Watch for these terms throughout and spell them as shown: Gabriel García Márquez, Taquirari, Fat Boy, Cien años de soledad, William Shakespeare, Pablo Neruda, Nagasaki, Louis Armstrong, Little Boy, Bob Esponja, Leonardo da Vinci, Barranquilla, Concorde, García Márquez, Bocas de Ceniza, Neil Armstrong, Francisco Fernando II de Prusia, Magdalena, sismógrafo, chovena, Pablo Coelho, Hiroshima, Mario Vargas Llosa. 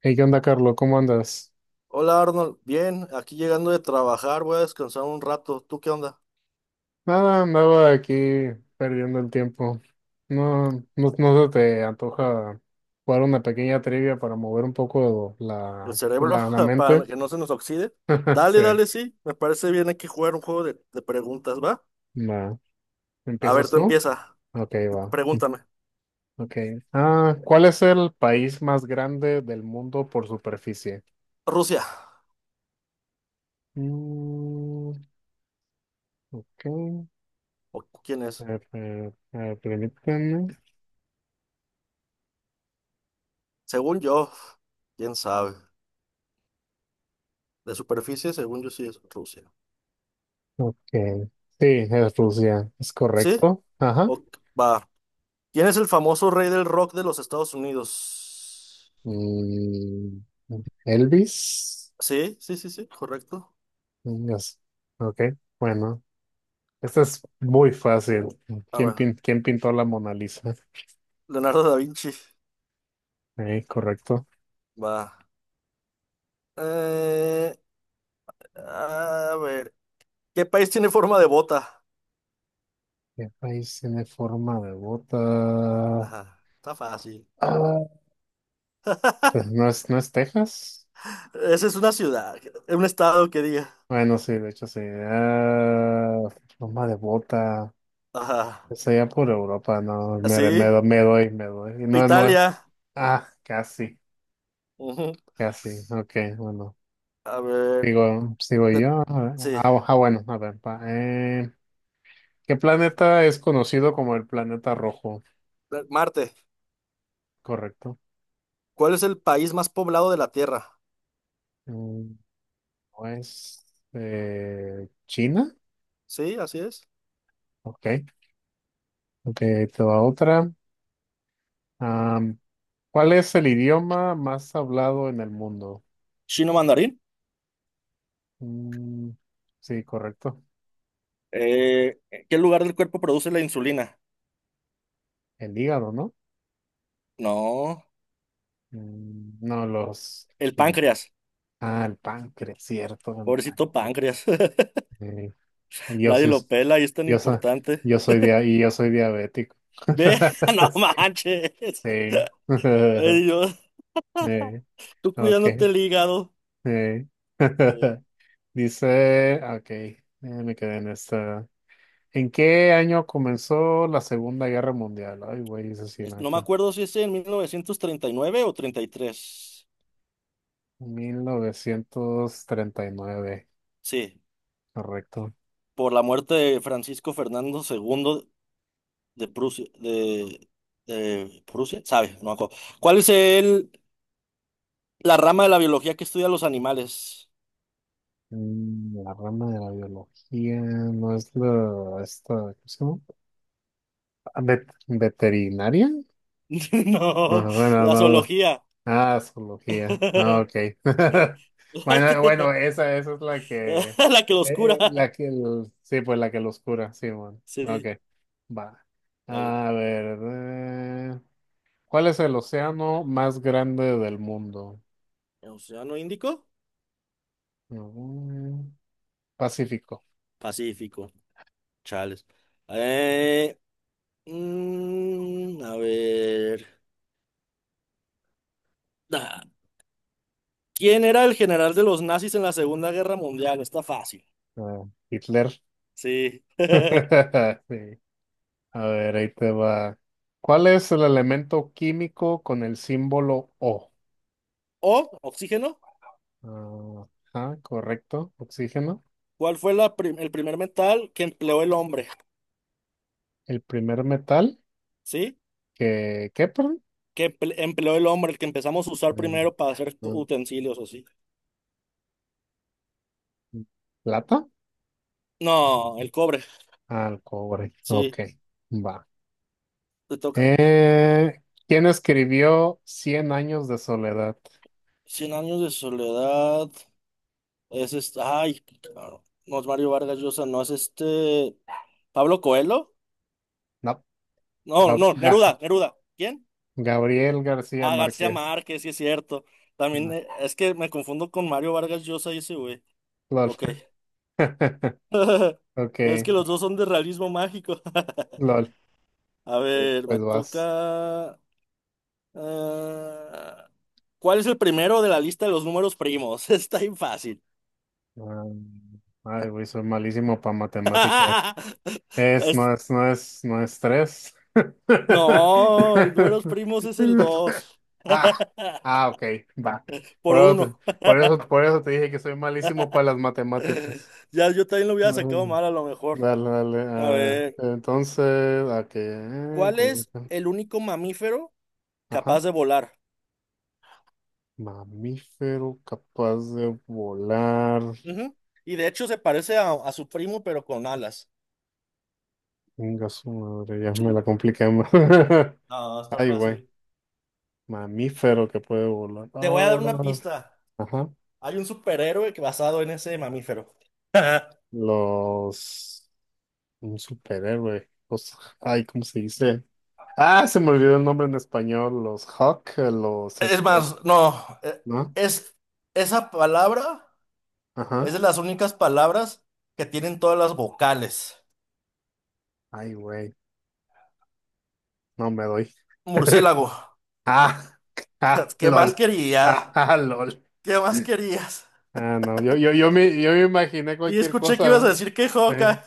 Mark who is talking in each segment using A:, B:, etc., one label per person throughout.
A: Hey, ¿qué onda, Carlos? ¿Cómo andas?
B: Hola Arnold, bien, aquí llegando de trabajar, voy a descansar un rato. ¿Tú qué onda?
A: Nada, andaba aquí perdiendo el tiempo. No, no, no se te antoja jugar una pequeña trivia para mover un poco
B: ¿El
A: la,
B: cerebro?
A: la, la
B: Para
A: mente.
B: que no se nos oxide. Dale,
A: Sí,
B: dale, sí, me parece bien aquí jugar un juego de preguntas, ¿va?
A: va.
B: A ver,
A: ¿Empiezas
B: tú
A: tú?
B: empieza,
A: Ok, va.
B: pregúntame.
A: Ok. ¿Cuál es el país más grande del mundo por superficie?
B: Rusia,
A: Mm, ok.
B: ¿o quién
A: A
B: es?
A: ver, permíteme.
B: Según yo, quién sabe. De superficie, según yo sí es Rusia.
A: Ok. Sí, es Rusia. Es
B: ¿Sí?
A: correcto. Ajá.
B: O, va. ¿Quién es el famoso rey del rock de los Estados Unidos?
A: Mm, Elvis.
B: Sí, sí, sí, sí, correcto.
A: Yes. Ok, bueno. Esta es muy fácil.
B: A
A: ¿Quién,
B: ver,
A: pin- quién pintó la Mona Lisa?
B: Leonardo da Vinci.
A: Correcto.
B: Va. Eh, A ver, ¿qué país tiene forma de bota?
A: ¿Qué país tiene forma de bota?
B: Ajá, está fácil.
A: Ah, pues, ¿no es Texas?
B: Esa es una ciudad, un estado que diga.
A: Bueno, sí, de hecho sí. Forma de bota.
B: Ajá,
A: Es allá por Europa, no,
B: así,
A: me doy, me doy. No, no,
B: Italia.
A: casi,
B: Ujú.
A: casi. Ok, bueno.
B: A ver,
A: Digo, sigo
B: de-
A: yo. A ver,
B: sí,
A: Bueno, a ver. ¿Qué planeta es conocido como el planeta rojo?
B: Marte.
A: Correcto.
B: ¿Cuál es el país más poblado de la Tierra?
A: Mm, ¿No es China?
B: Sí, así es.
A: Ok. Ok, ahí te va otra. Am, ¿Cuál es el idioma más hablado en el mundo?
B: Chino mandarín.
A: Mm, sí, correcto.
B: Eh, ¿Qué lugar del cuerpo produce la insulina?
A: El hígado, ¿no?
B: No,
A: No,
B: el
A: sí.
B: páncreas.
A: El páncreas, cierto, el
B: Pobrecito
A: páncreas.
B: páncreas.
A: eh. Yo,
B: Nadie
A: sí-
B: lo pela y es tan
A: yo, soy,
B: importante.
A: yo soy diabético.
B: Ve, no
A: Sí.
B: manches.
A: Sí.
B: Ay, Dios.
A: Eh,
B: Tú
A: ok.
B: cuidándote el hígado.
A: eh.
B: Eh,
A: Dice, ok, me quedé en esta. ¿En qué año comenzó la Segunda Guerra Mundial? Ay, güey, eso sí, la
B: no me
A: neta.
B: acuerdo si es en 1939 o 33.
A: 1939.
B: Sí,
A: Correcto.
B: por la muerte de Francisco Fernando II de Prusia. De Prusia, sabe, no me acuerdo. ¿La rama de la biología que estudia los animales?
A: La rama de la biología no es esta, ¿cómo se llama? ¿Veterinaria?
B: No,
A: No, bueno,
B: la
A: no,
B: zoología.
A: Zoología. Ah, ok. Bueno, bueno, esa es
B: La que los cura.
A: la que, sí, pues la que los cura, sí, bueno. Ok,
B: Sí,
A: va.
B: dale.
A: A ver, ¿cuál es el océano más grande del mundo?
B: ¿El ¿Océano Índico?
A: Mm, Pacífico.
B: Pacífico. Chales. Eh, a ver. Ah, ¿Quién era el general de los nazis en la Segunda Guerra Mundial? Está fácil.
A: Ah, Hitler.
B: Sí.
A: Sí. A ver, ahí te va. ¿Cuál es el elemento químico con el símbolo O?
B: O, oxígeno.
A: Ah, ajá, correcto, oxígeno.
B: ¿Cuál fue el primer metal que empleó el hombre?
A: El primer metal
B: ¿Sí?
A: que, ¿qué, perdón?
B: Que empleó el hombre, el que empezamos a usar
A: Mm,
B: primero para hacer utensilios así.
A: mm, ¿Plata?
B: No, el cobre.
A: Al cobre.
B: Sí,
A: Ok, va.
B: te toca.
A: Eh, ¿Quién escribió Cien años de soledad?
B: Cien años de soledad. Es este. Ay, claro. No es Mario Vargas Llosa, no es este. ¿Pablo Coelho?
A: No,
B: No,
A: Gab-
B: no,
A: Ga-
B: Neruda, Neruda. ¿Quién?
A: Gabriel García
B: Ah, García
A: Márquez.
B: Márquez, sí es cierto. También
A: No,
B: es que me confundo con Mario Vargas Llosa y ese güey.
A: LOL.
B: Ok.
A: Ok,
B: Es que los dos son de realismo mágico.
A: LOL.
B: A ver,
A: Pues
B: me
A: vas.
B: toca. Ah, ¿cuál es el primero de la lista de los números primos? Está bien fácil.
A: Ah, Ay, güey, soy malísimo para matemáticas. Es,
B: Es-
A: no es, no es, no es tres.
B: no, el números primos es el dos.
A: Ah, ok, va.
B: Por
A: Por otro-
B: uno.
A: por eso te dije que soy malísimo para las matemáticas.
B: Ya yo también lo hubiera sacado
A: Bueno,
B: mal a lo mejor.
A: dale, dale.
B: A ver,
A: Entonces, ¿a qué?
B: ¿cuál es el único mamífero capaz
A: Ajá.
B: de volar?
A: Mamífero capaz de volar.
B: Ujú. Y de hecho se parece a su primo, pero con alas.
A: Venga, su madre, ya me la compliqué más.
B: Ah, está
A: Ay, güey.
B: fácil.
A: Mamífero que puede volar.
B: Te voy a dar una pista.
A: Ajá.
B: Hay un superhéroe que basado en ese mamífero.
A: Los... Un superhéroe. Ay, ¿cómo se dice? Se me olvidó el nombre en español. Los Hawk, los
B: Es
A: esto,
B: más, no,
A: ¿no?
B: es esa palabra, es
A: Ajá.
B: de las únicas palabras que tienen todas las vocales.
A: Ay, güey, no me doy.
B: Murciélago.
A: Ah,
B: ¿Qué más
A: lol.
B: querías?
A: Lol.
B: ¿Qué más querías?
A: No, yo me imaginé
B: Sí,
A: cualquier
B: escuché que ibas a
A: cosa.
B: decir que
A: Eh,
B: joca.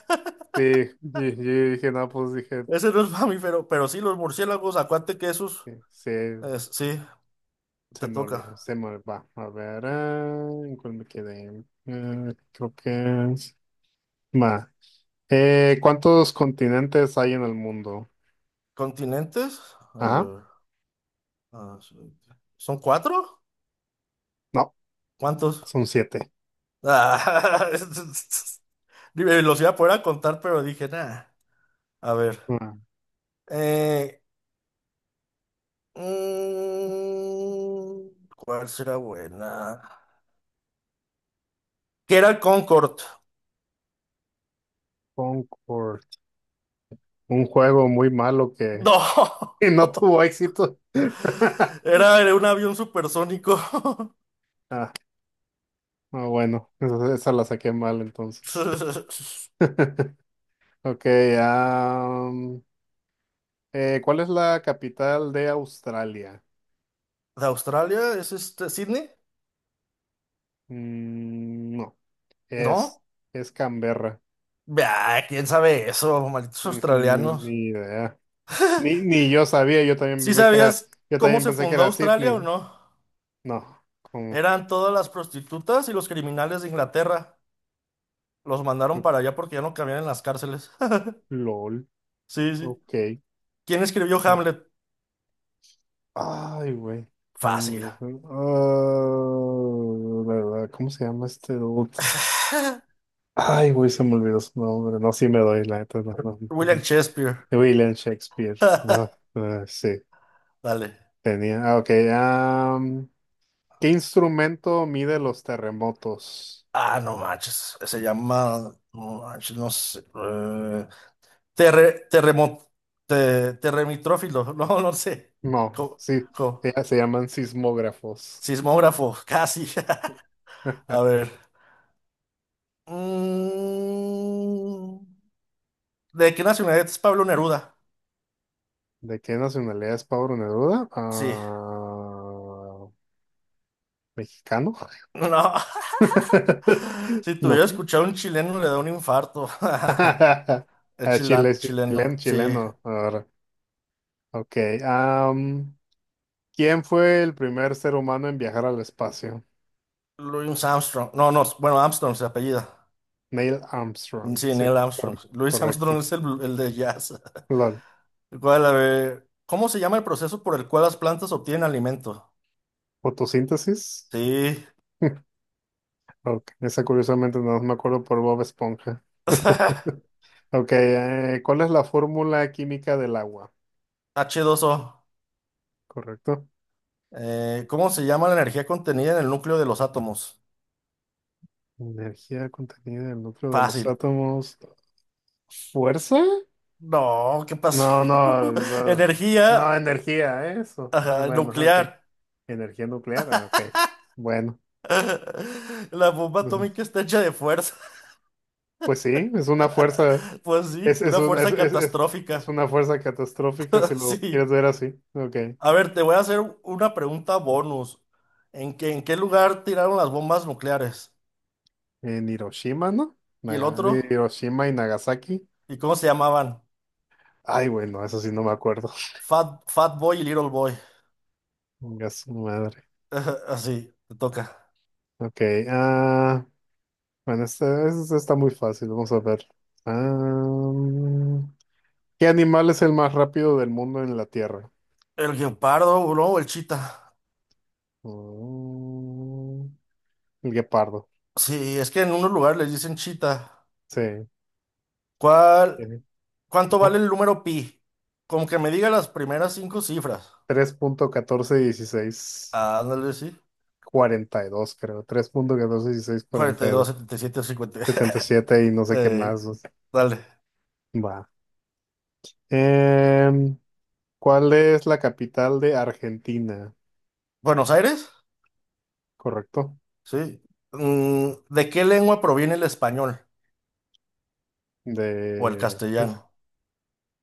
A: Sí, yo dije, no, pues dije,
B: Ese no es mamífero, pero sí, los murciélagos, acuérdate que esos,
A: eh, se,
B: sí,
A: se
B: te
A: me olvidó,
B: toca.
A: se me va. A ver, ¿en cuál me quedé? Creo que... Ma. ¿Cuántos continentes hay en el mundo?
B: ¿Continentes? A
A: Ajá.
B: ver, ah, sí. ¿Son cuatro?
A: No,
B: ¿Cuántos?
A: son siete.
B: Ah, dime, los iba a poder contar, pero dije, nada. A ver.
A: Ah,
B: eh, mm, ¿Cuál será buena? ¿Que era el Concorde?
A: Concord. Un juego muy malo que,
B: No.
A: que no tuvo éxito.
B: Era, era un avión supersónico.
A: Ah, bueno, esa la saqué mal entonces. Ok, am, ¿cuál es la capital de Australia?
B: ¿De Australia? ¿Es este Sydney?
A: No, es,
B: No.
A: es Canberra.
B: Bah, ¿quién sabe eso? Malditos
A: Ni
B: australianos.
A: idea. Ni yo sabía,
B: ¿Sí sabías
A: yo
B: cómo
A: también
B: se
A: pensé que
B: fundó
A: era
B: Australia
A: Sydney.
B: o no?
A: No, como
B: Eran todas las prostitutas y los criminales de Inglaterra. Los mandaron para allá porque ya no cabían en las cárceles.
A: LOL.
B: Sí, sí.
A: Ok.
B: ¿Quién escribió
A: Ah,
B: Hamlet?
A: ay, güey.
B: Fácil.
A: Cambio. ¿Verdad? ¿Cómo se llama este dude? Ay, güey, se me olvidó su nombre. No, sí me doy la neta. No, no.
B: William Shakespeare.
A: William Shakespeare. Ah, sí,
B: Dale.
A: tenía. Ah, ok. ¿Qué instrumento mide los terremotos?
B: Ah, no manches. Se llama. No manches, no sé. Terre- terremo- Terremitrófilo. No, no sé.
A: No,
B: Co-
A: sí,
B: co-
A: ya se llaman sismógrafos.
B: Sismógrafo, casi. A ver. Mm. ¿De qué nacionalidad es Pablo Neruda?
A: ¿De qué nacionalidad es Pablo Neruda?
B: Sí.
A: ¿Mexicano?
B: No. Si
A: No.
B: tuviera escuchado a un chileno, le da un infarto. Es
A: Chile, es
B: chileno, sí.
A: chileno. Ahora. Ok. am, ¿quién fue el primer ser humano en viajar al espacio?
B: Louis Armstrong. No, no, bueno, Armstrong se apellida.
A: Neil Armstrong.
B: Sí,
A: Sí,
B: Neil Armstrong. Louis
A: correcto.
B: Armstrong es el de jazz.
A: Lol.
B: ¿Cómo se llama el proceso por el cual las plantas obtienen alimento?
A: ¿Fotosíntesis?
B: Sí.
A: Ok, esa curiosamente no me acuerdo por Bob Esponja. Ok, ¿cuál es la fórmula química del agua?
B: H dos o.
A: ¿Correcto?
B: ¿Cómo se llama la energía contenida en el núcleo de los átomos?
A: Energía contenida en el núcleo de los
B: Fácil.
A: átomos. ¿Fuerza?
B: No, ¿qué pasó?
A: No, no, no,
B: Energía.
A: no, energía, eso.
B: Ajá,
A: Bueno, ok.
B: nuclear.
A: Energía nuclear, ok. Bueno,
B: La bomba
A: pues
B: atómica está hecha de fuerza.
A: pues sí, es una fuerza,
B: Pues sí,
A: es,
B: una
A: un-
B: fuerza
A: es
B: catastrófica.
A: una fuerza catastrófica si lo
B: Sí.
A: quieres ver así. Ok.
B: A ver, te voy a hacer una pregunta bonus. ¿En qué lugar tiraron las bombas nucleares?
A: En Hiroshima, ¿no?
B: ¿Y el
A: Naga-
B: otro?
A: Hiroshima y Nagasaki.
B: ¿Y cómo se llamaban?
A: Ay, bueno, eso sí no me acuerdo.
B: Fat Boy y Little Boy.
A: Venga, su madre.
B: Ajá, así, te toca.
A: Ok, ah, bueno, este está muy fácil, vamos a ver. Ah, ¿Qué animal es el más rápido del mundo en la Tierra?
B: El guepardo, ¿no? O el chita.
A: Mm, el guepardo.
B: Sí, es que en unos lugares les dicen chita.
A: Sí.
B: ¿Cuál?
A: tiene,
B: ¿Cuánto
A: Ajá.
B: vale el número pi? Como que me diga las primeras cinco cifras.
A: 3.1416,
B: Ah, ándale, sí.
A: 42 creo. 3.1416,
B: 42,
A: 42.
B: 77, 50.
A: 77 y dos. 77 y no sé qué
B: Eh,
A: más. O sea.
B: dale.
A: Va. Em, ¿Cuál es la capital de Argentina?
B: ¿Buenos Aires?
A: Correcto.
B: Sí. Mm, ¿de qué lengua proviene el español o el
A: De,
B: castellano?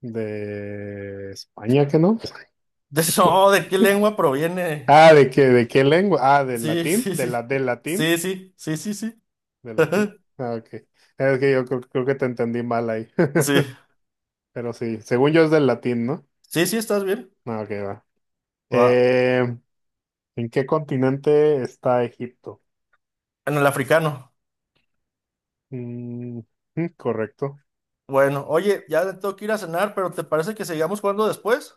A: de España, ¿que no?
B: De, no, ¿de qué lengua proviene?
A: ¿De qué lengua? Del
B: Sí,
A: latín,
B: sí, sí. Sí, sí, sí, sí, sí.
A: del latín. Ok. Es que yo creo que te entendí mal ahí.
B: Sí,
A: Pero sí, según yo es del latín, ¿no?
B: sí, sí, estás bien.
A: No, ok, va.
B: Va.
A: Eh, ¿En qué continente está Egipto?
B: En el africano.
A: Mm, correcto.
B: Bueno, oye, ya tengo que ir a cenar, pero ¿te parece que sigamos jugando después?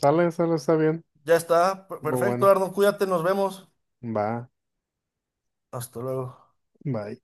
A: Sale, sale, está bien.
B: Ya está.
A: Estuvo
B: Perfecto,
A: bueno.
B: Arnold, cuídate, nos vemos.
A: Va,
B: Hasta luego.
A: va.